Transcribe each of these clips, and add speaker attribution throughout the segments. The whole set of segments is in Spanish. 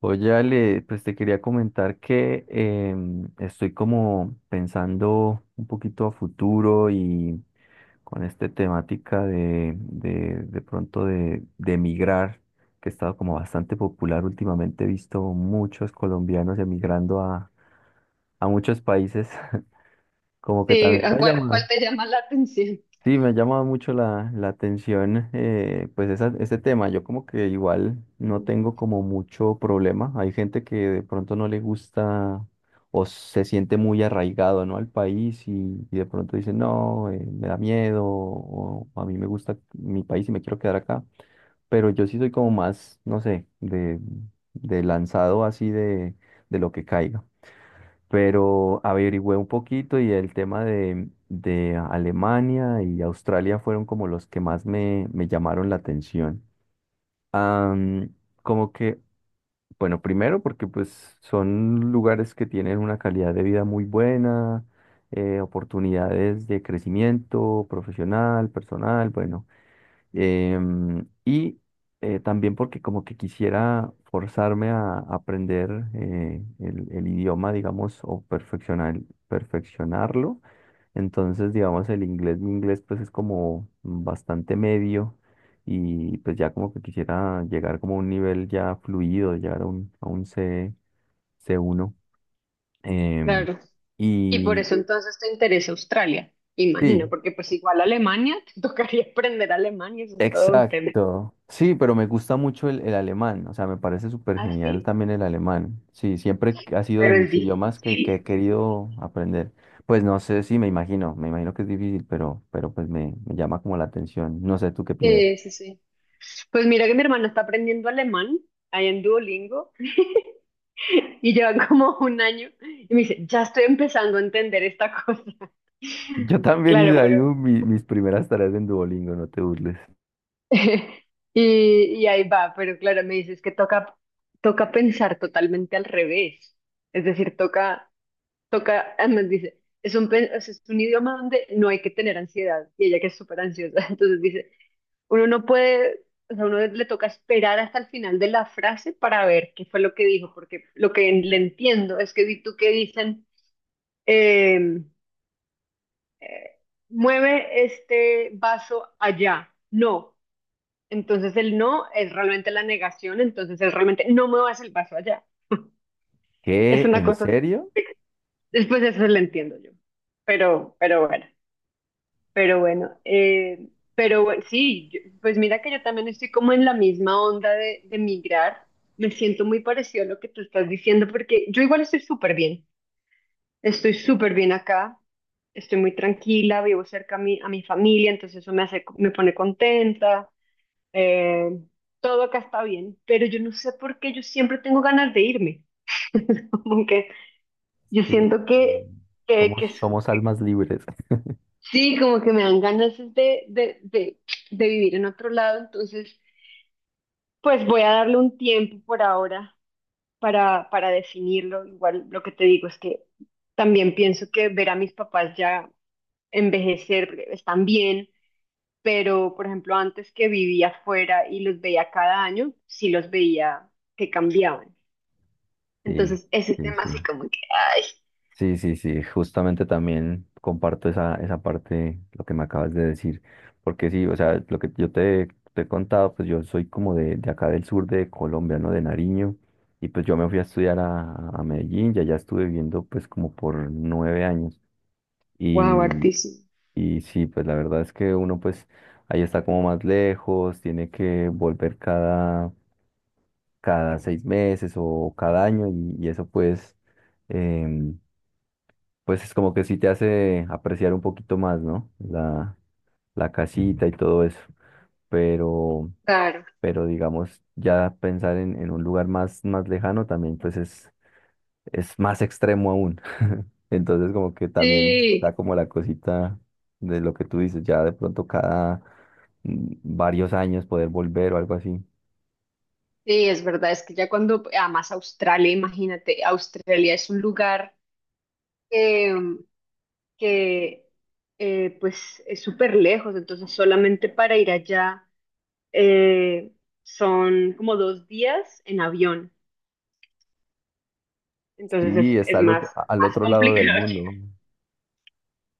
Speaker 1: Oye, Ale, pues te quería comentar que estoy como pensando un poquito a futuro y con esta temática de pronto de emigrar, que ha estado como bastante popular últimamente. He visto muchos colombianos emigrando a muchos países, como que
Speaker 2: Sí,
Speaker 1: también me
Speaker 2: ¿a
Speaker 1: ha
Speaker 2: ¿cuál, cuál
Speaker 1: llamado.
Speaker 2: te llama la atención?
Speaker 1: Sí, me ha llamado mucho la atención, pues ese tema. Yo como que igual no
Speaker 2: Ujú.
Speaker 1: tengo como mucho problema. Hay gente que de pronto no le gusta o se siente muy arraigado, ¿no?, al país y de pronto dice, no, me da miedo o a mí me gusta mi país y me quiero quedar acá. Pero yo sí soy como más, no sé, de lanzado así, de lo que caiga, pero averigüé un poquito y el tema de Alemania y Australia fueron como los que más me llamaron la atención. Am, como que, bueno, primero porque pues son lugares que tienen una calidad de vida muy buena, oportunidades de crecimiento profesional, personal, bueno. Y también porque como que quisiera forzarme a aprender el idioma, digamos, o perfeccionarlo. Entonces, digamos, el inglés, mi inglés pues es como bastante medio, y pues ya como que quisiera llegar como a un nivel ya fluido, llegar a un C, c uno, em,
Speaker 2: Claro. Y por
Speaker 1: y
Speaker 2: eso entonces te interesa Australia, imagino,
Speaker 1: sí,
Speaker 2: porque pues igual Alemania, te tocaría aprender alemán y eso es todo un tema.
Speaker 1: exacto. Sí, pero me gusta mucho el alemán, o sea, me parece súper genial
Speaker 2: Así,
Speaker 1: también el alemán. Sí, siempre ha sido de
Speaker 2: pero es
Speaker 1: mis idiomas que
Speaker 2: difícil.
Speaker 1: he querido aprender. Pues no sé, sí, me imagino que es difícil, pero pues me llama como la atención. No sé, ¿tú qué piensas?
Speaker 2: Sí, sí, sí. Pues mira que mi hermana está aprendiendo alemán ahí en Duolingo y lleva como un año y me dice, ya estoy empezando a entender esta cosa.
Speaker 1: Yo también
Speaker 2: Claro,
Speaker 1: hice
Speaker 2: pero
Speaker 1: ahí mis primeras tareas en Duolingo, no te burles.
Speaker 2: Y, y ahí va, pero claro, me dices que toca, toca pensar totalmente al revés. Es decir, toca, toca, además dice, o sea, es un idioma donde no hay que tener ansiedad. Y ella que es súper ansiosa, entonces dice, uno no puede, o sea, uno le toca esperar hasta el final de la frase para ver qué fue lo que dijo, porque lo que le entiendo es que vi tú que dicen, em, eh, mueve este vaso allá. No. Entonces el no es realmente la negación, entonces es realmente no muevas el vaso allá. Es
Speaker 1: ¿Qué?
Speaker 2: una
Speaker 1: ¿En
Speaker 2: cosa así.
Speaker 1: serio?
Speaker 2: Después eso lo entiendo yo. Pero bueno, pero bueno. eh, pero bueno, sí, yo- pues mira que yo también estoy como en la misma onda de, migrar. Me siento muy parecido a lo que tú estás diciendo porque yo igual estoy súper bien. Estoy súper bien acá. Estoy muy tranquila, vivo cerca a mi familia, entonces eso me hace, me pone contenta. eh, Todo acá está bien, pero yo no sé por qué yo siempre tengo ganas de irme. Como que yo
Speaker 1: Sí.
Speaker 2: siento que, que s-
Speaker 1: Somos almas libres.
Speaker 2: sí, como que me dan ganas es de, de vivir en otro lado, entonces pues voy a darle un tiempo por ahora para definirlo. Igual lo que te digo es que también pienso que ver a mis papás ya envejecer porque están bien. Pero, por ejemplo, antes que vivía afuera y los veía cada año, sí los veía que cambiaban.
Speaker 1: Sí,
Speaker 2: Entonces, ese
Speaker 1: sí,
Speaker 2: tema
Speaker 1: sí.
Speaker 2: así como que, ay,
Speaker 1: Sí, sí, sí, justamente también comparto esa parte, lo que me acabas de decir, porque sí, o sea, lo que yo te he contado, pues yo soy como de acá del sur de Colombia, ¿no? De Nariño, y pues yo me fui a estudiar a Medellín, ya allá estuve viviendo pues como por nueve años,
Speaker 2: wow,
Speaker 1: y,
Speaker 2: hartísimo.
Speaker 1: y sí, pues la verdad es que uno pues ahí está como más lejos, tiene que volver cada seis meses o cada año, y eso pues... em, pues es como que sí te hace apreciar un poquito más, ¿no?, la la casita y todo eso. Pero,
Speaker 2: Claro.
Speaker 1: pero digamos, ya pensar en un lugar más, más lejano también, pues es más extremo aún. Entonces, como que también da
Speaker 2: Sí,
Speaker 1: como la cosita de lo que tú dices, ya de pronto cada varios años poder volver o algo así.
Speaker 2: sí, es verdad, es que ya cuando, además Australia, imagínate, Australia es un lugar eh, que pues es súper lejos, entonces solamente para ir allá, eh, son como dos días en avión, entonces
Speaker 1: Sí, está
Speaker 2: es más,
Speaker 1: al
Speaker 2: más
Speaker 1: otro lado del
Speaker 2: complicado llegar.
Speaker 1: mundo.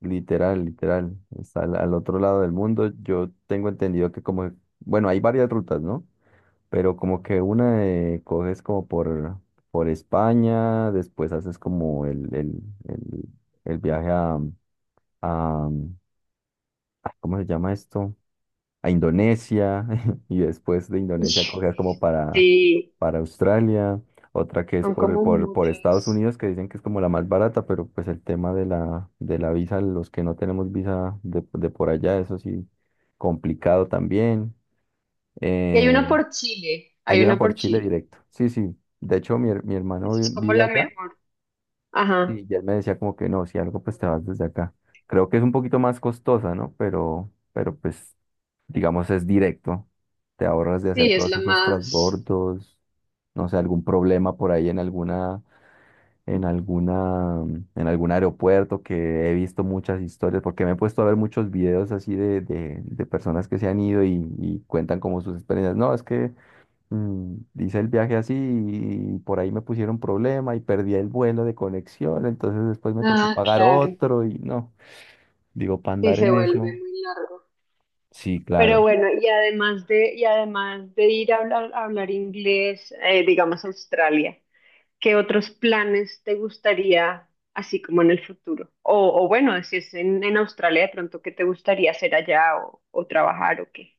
Speaker 1: Literal, literal. Está al, al otro lado del mundo. Yo tengo entendido que como, bueno, hay varias rutas, ¿no? Pero como que una coges como por España, después haces como el, el viaje a, ah, ¿cómo se llama esto?, a Indonesia, y después de
Speaker 2: Y-
Speaker 1: Indonesia cogía como
Speaker 2: Sí,
Speaker 1: para Australia. Otra que es
Speaker 2: son como
Speaker 1: por Estados
Speaker 2: muchos.
Speaker 1: Unidos, que dicen que es como la más barata, pero pues el tema de de la visa, los que no tenemos visa de por allá, eso sí, complicado también.
Speaker 2: Y hay una
Speaker 1: Eh,
Speaker 2: por Chile, hay
Speaker 1: hay una
Speaker 2: una
Speaker 1: por
Speaker 2: por
Speaker 1: Chile
Speaker 2: Chile,
Speaker 1: directo, sí, sí, de hecho mi hermano
Speaker 2: eso es como
Speaker 1: vive
Speaker 2: la
Speaker 1: allá,
Speaker 2: mejor. Ajá,
Speaker 1: y ya él me decía como que no, si algo pues te vas desde acá. Creo que es un poquito más costosa, ¿no? Pero pues digamos, es directo. Te ahorras de hacer
Speaker 2: sí, es
Speaker 1: todos
Speaker 2: la
Speaker 1: esos
Speaker 2: más.
Speaker 1: transbordos, no sé, algún problema por ahí en en alguna, en algún aeropuerto, que he visto muchas historias, porque me he puesto a ver muchos videos así de personas que se han ido y cuentan como sus experiencias. No, es que hice el viaje así y por ahí me pusieron problema y perdí el vuelo de conexión, entonces después me tocó
Speaker 2: Ah,
Speaker 1: pagar
Speaker 2: claro.
Speaker 1: otro y no, digo, para
Speaker 2: Sí,
Speaker 1: andar
Speaker 2: se
Speaker 1: en
Speaker 2: vuelve
Speaker 1: eso.
Speaker 2: muy largo.
Speaker 1: Sí,
Speaker 2: Pero
Speaker 1: claro.
Speaker 2: bueno, y además de ir a hablar inglés, digamos Australia, ¿qué otros planes te gustaría así como en el futuro? O bueno, si es en Australia de pronto, ¿qué te gustaría hacer allá o trabajar o qué?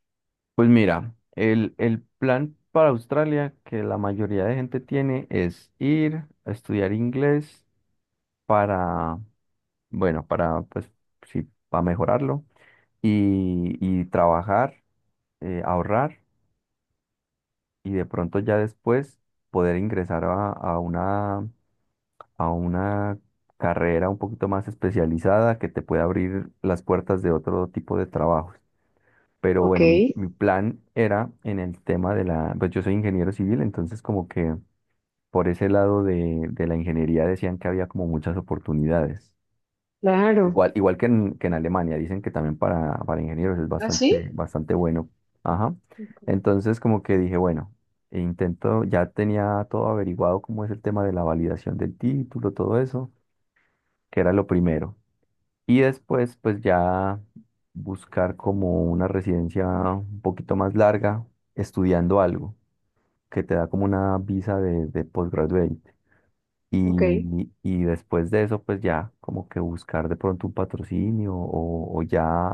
Speaker 1: Pues mira, el plan para Australia que la mayoría de gente tiene es ir a estudiar inglés para, bueno, para, pues, sí, para mejorarlo y trabajar, ahorrar, y de pronto ya después poder ingresar a una carrera un poquito más especializada que te pueda abrir las puertas de otro tipo de trabajos. Pero
Speaker 2: Ok.
Speaker 1: bueno, mi plan era en el tema de la, pues yo soy ingeniero civil, entonces como que por ese lado de la ingeniería decían que había como muchas oportunidades.
Speaker 2: Claro.
Speaker 1: Igual, igual que en Alemania, dicen que también para ingenieros es
Speaker 2: ¿Ah,
Speaker 1: bastante,
Speaker 2: sí?
Speaker 1: bastante bueno. Ajá.
Speaker 2: Ok.
Speaker 1: Entonces como que dije, bueno, e intento, ya tenía todo averiguado cómo es el tema de la validación del título, todo eso, que era lo primero. Y después, pues ya buscar como una residencia un poquito más larga, estudiando algo que te da como una visa de postgraduate.
Speaker 2: Ok.
Speaker 1: Y, y después de eso, pues ya como que buscar de pronto un patrocinio o ya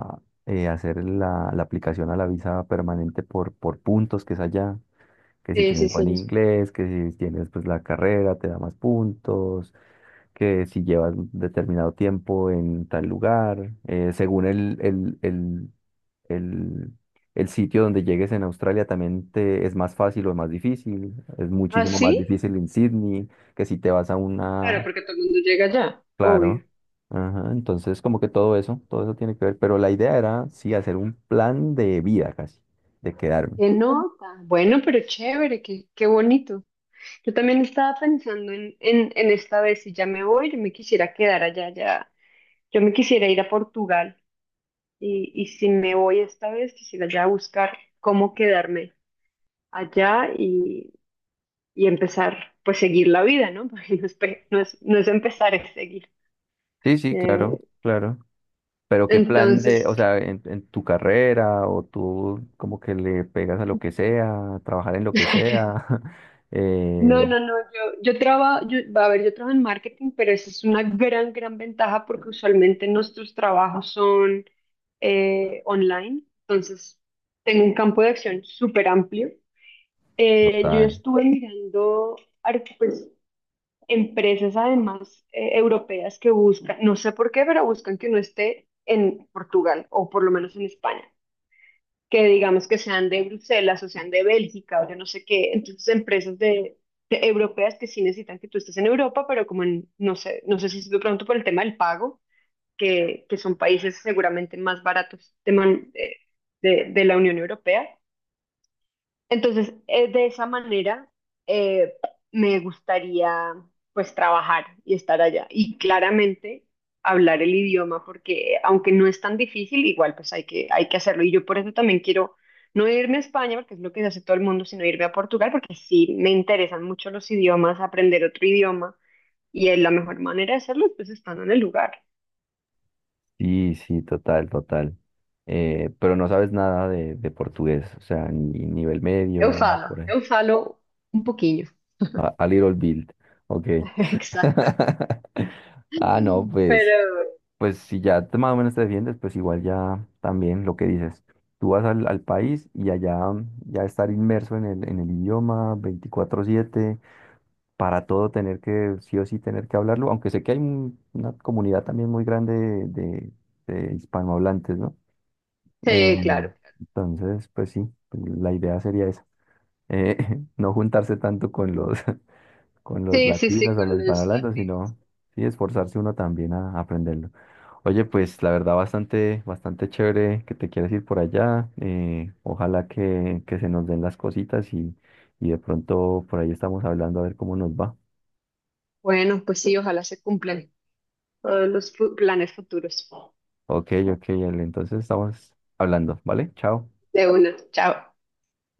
Speaker 1: hacer la aplicación a la visa permanente por puntos, que es allá, que si
Speaker 2: Sí, sí,
Speaker 1: tienes buen
Speaker 2: sí.
Speaker 1: inglés, que si tienes pues la carrera te da más puntos, que si llevas determinado tiempo en tal lugar, según el, el sitio donde llegues en Australia también te es más fácil o más difícil, es
Speaker 2: ¿Ah,
Speaker 1: muchísimo más
Speaker 2: sí?
Speaker 1: difícil en Sydney que si te vas a
Speaker 2: Claro,
Speaker 1: una,
Speaker 2: porque todo el mundo llega allá. Obvio.
Speaker 1: claro. Ajá, entonces como que todo eso tiene que ver, pero la idea era sí hacer un plan de vida casi, de quedarme.
Speaker 2: Qué nota. Bueno, pero chévere, qué, qué bonito. Yo también estaba pensando en esta vez, si ya me voy, yo me quisiera quedar allá, ya. Yo me quisiera ir a Portugal y si me voy esta vez, quisiera ya buscar cómo quedarme allá y empezar, pues seguir la vida, ¿no? Porque no es, pe- no es, no es empezar, es seguir.
Speaker 1: Sí, sí,
Speaker 2: Eh,
Speaker 1: claro, claro. Pero qué plan de,
Speaker 2: entonces,
Speaker 1: o sea, en tu carrera o tú como que le pegas a lo que sea, a trabajar en lo que sea.
Speaker 2: No,
Speaker 1: eh,
Speaker 2: no, no, yo trabajo, yo, a ver, yo trabajo en marketing, pero esa es una gran, gran ventaja porque usualmente nuestros trabajos son online, entonces tengo un campo de acción súper amplio. Yo ya
Speaker 1: total.
Speaker 2: estuve mirando pues, empresas además europeas que buscan, no sé por qué, pero buscan que uno esté en Portugal o por lo menos en España, que digamos que sean de Bruselas o sean de Bélgica o yo no sé qué, entonces empresas de europeas que sí necesitan que tú estés en Europa, pero como en, no sé, no sé si es de pronto por el tema del pago, que son países seguramente más baratos de, de la Unión Europea, entonces, de esa manera, eh, me gustaría pues trabajar y estar allá. Y claramente hablar el idioma, porque aunque no es tan difícil, igual pues hay que hacerlo. Y yo por eso también quiero no irme a España, porque es lo que hace todo el mundo, sino irme a Portugal, porque sí me interesan mucho los idiomas, aprender otro idioma. Y es la mejor manera de hacerlo es pues estando en el lugar.
Speaker 1: Sí, sí, total, total. Pero no sabes nada de portugués, o sea, ni nivel
Speaker 2: Eu
Speaker 1: medio,
Speaker 2: falo,
Speaker 1: por ahí.
Speaker 2: eu falo un poquillo.
Speaker 1: A little bit, ok.
Speaker 2: Exacto.
Speaker 1: Ah, no, pues.
Speaker 2: Pero
Speaker 1: Pues si ya más o menos te defiendes, pues igual ya también lo que dices. Tú vas al país y allá ya estar inmerso en el idioma 24/7, para todo tener que, sí o sí tener que hablarlo, aunque sé que hay una comunidad también muy grande de hispanohablantes, ¿no? Eh,
Speaker 2: sí, claro.
Speaker 1: entonces, pues sí, la idea sería esa, eh, no juntarse tanto con los, con los
Speaker 2: Sí, sí, sí,
Speaker 1: latinos, a
Speaker 2: con
Speaker 1: los
Speaker 2: los-
Speaker 1: hispanohablantes, sino sí esforzarse uno también a aprenderlo. Oye, pues la verdad bastante, bastante chévere que te quieres ir por allá. Ojalá que se nos den las cositas y de pronto por ahí estamos hablando a ver cómo nos va.
Speaker 2: Bueno, pues sí, ojalá se cumplan todos los planes futuros.
Speaker 1: Ok, ok, Ale, entonces estamos hablando, ¿vale? Chao.
Speaker 2: De una, chao.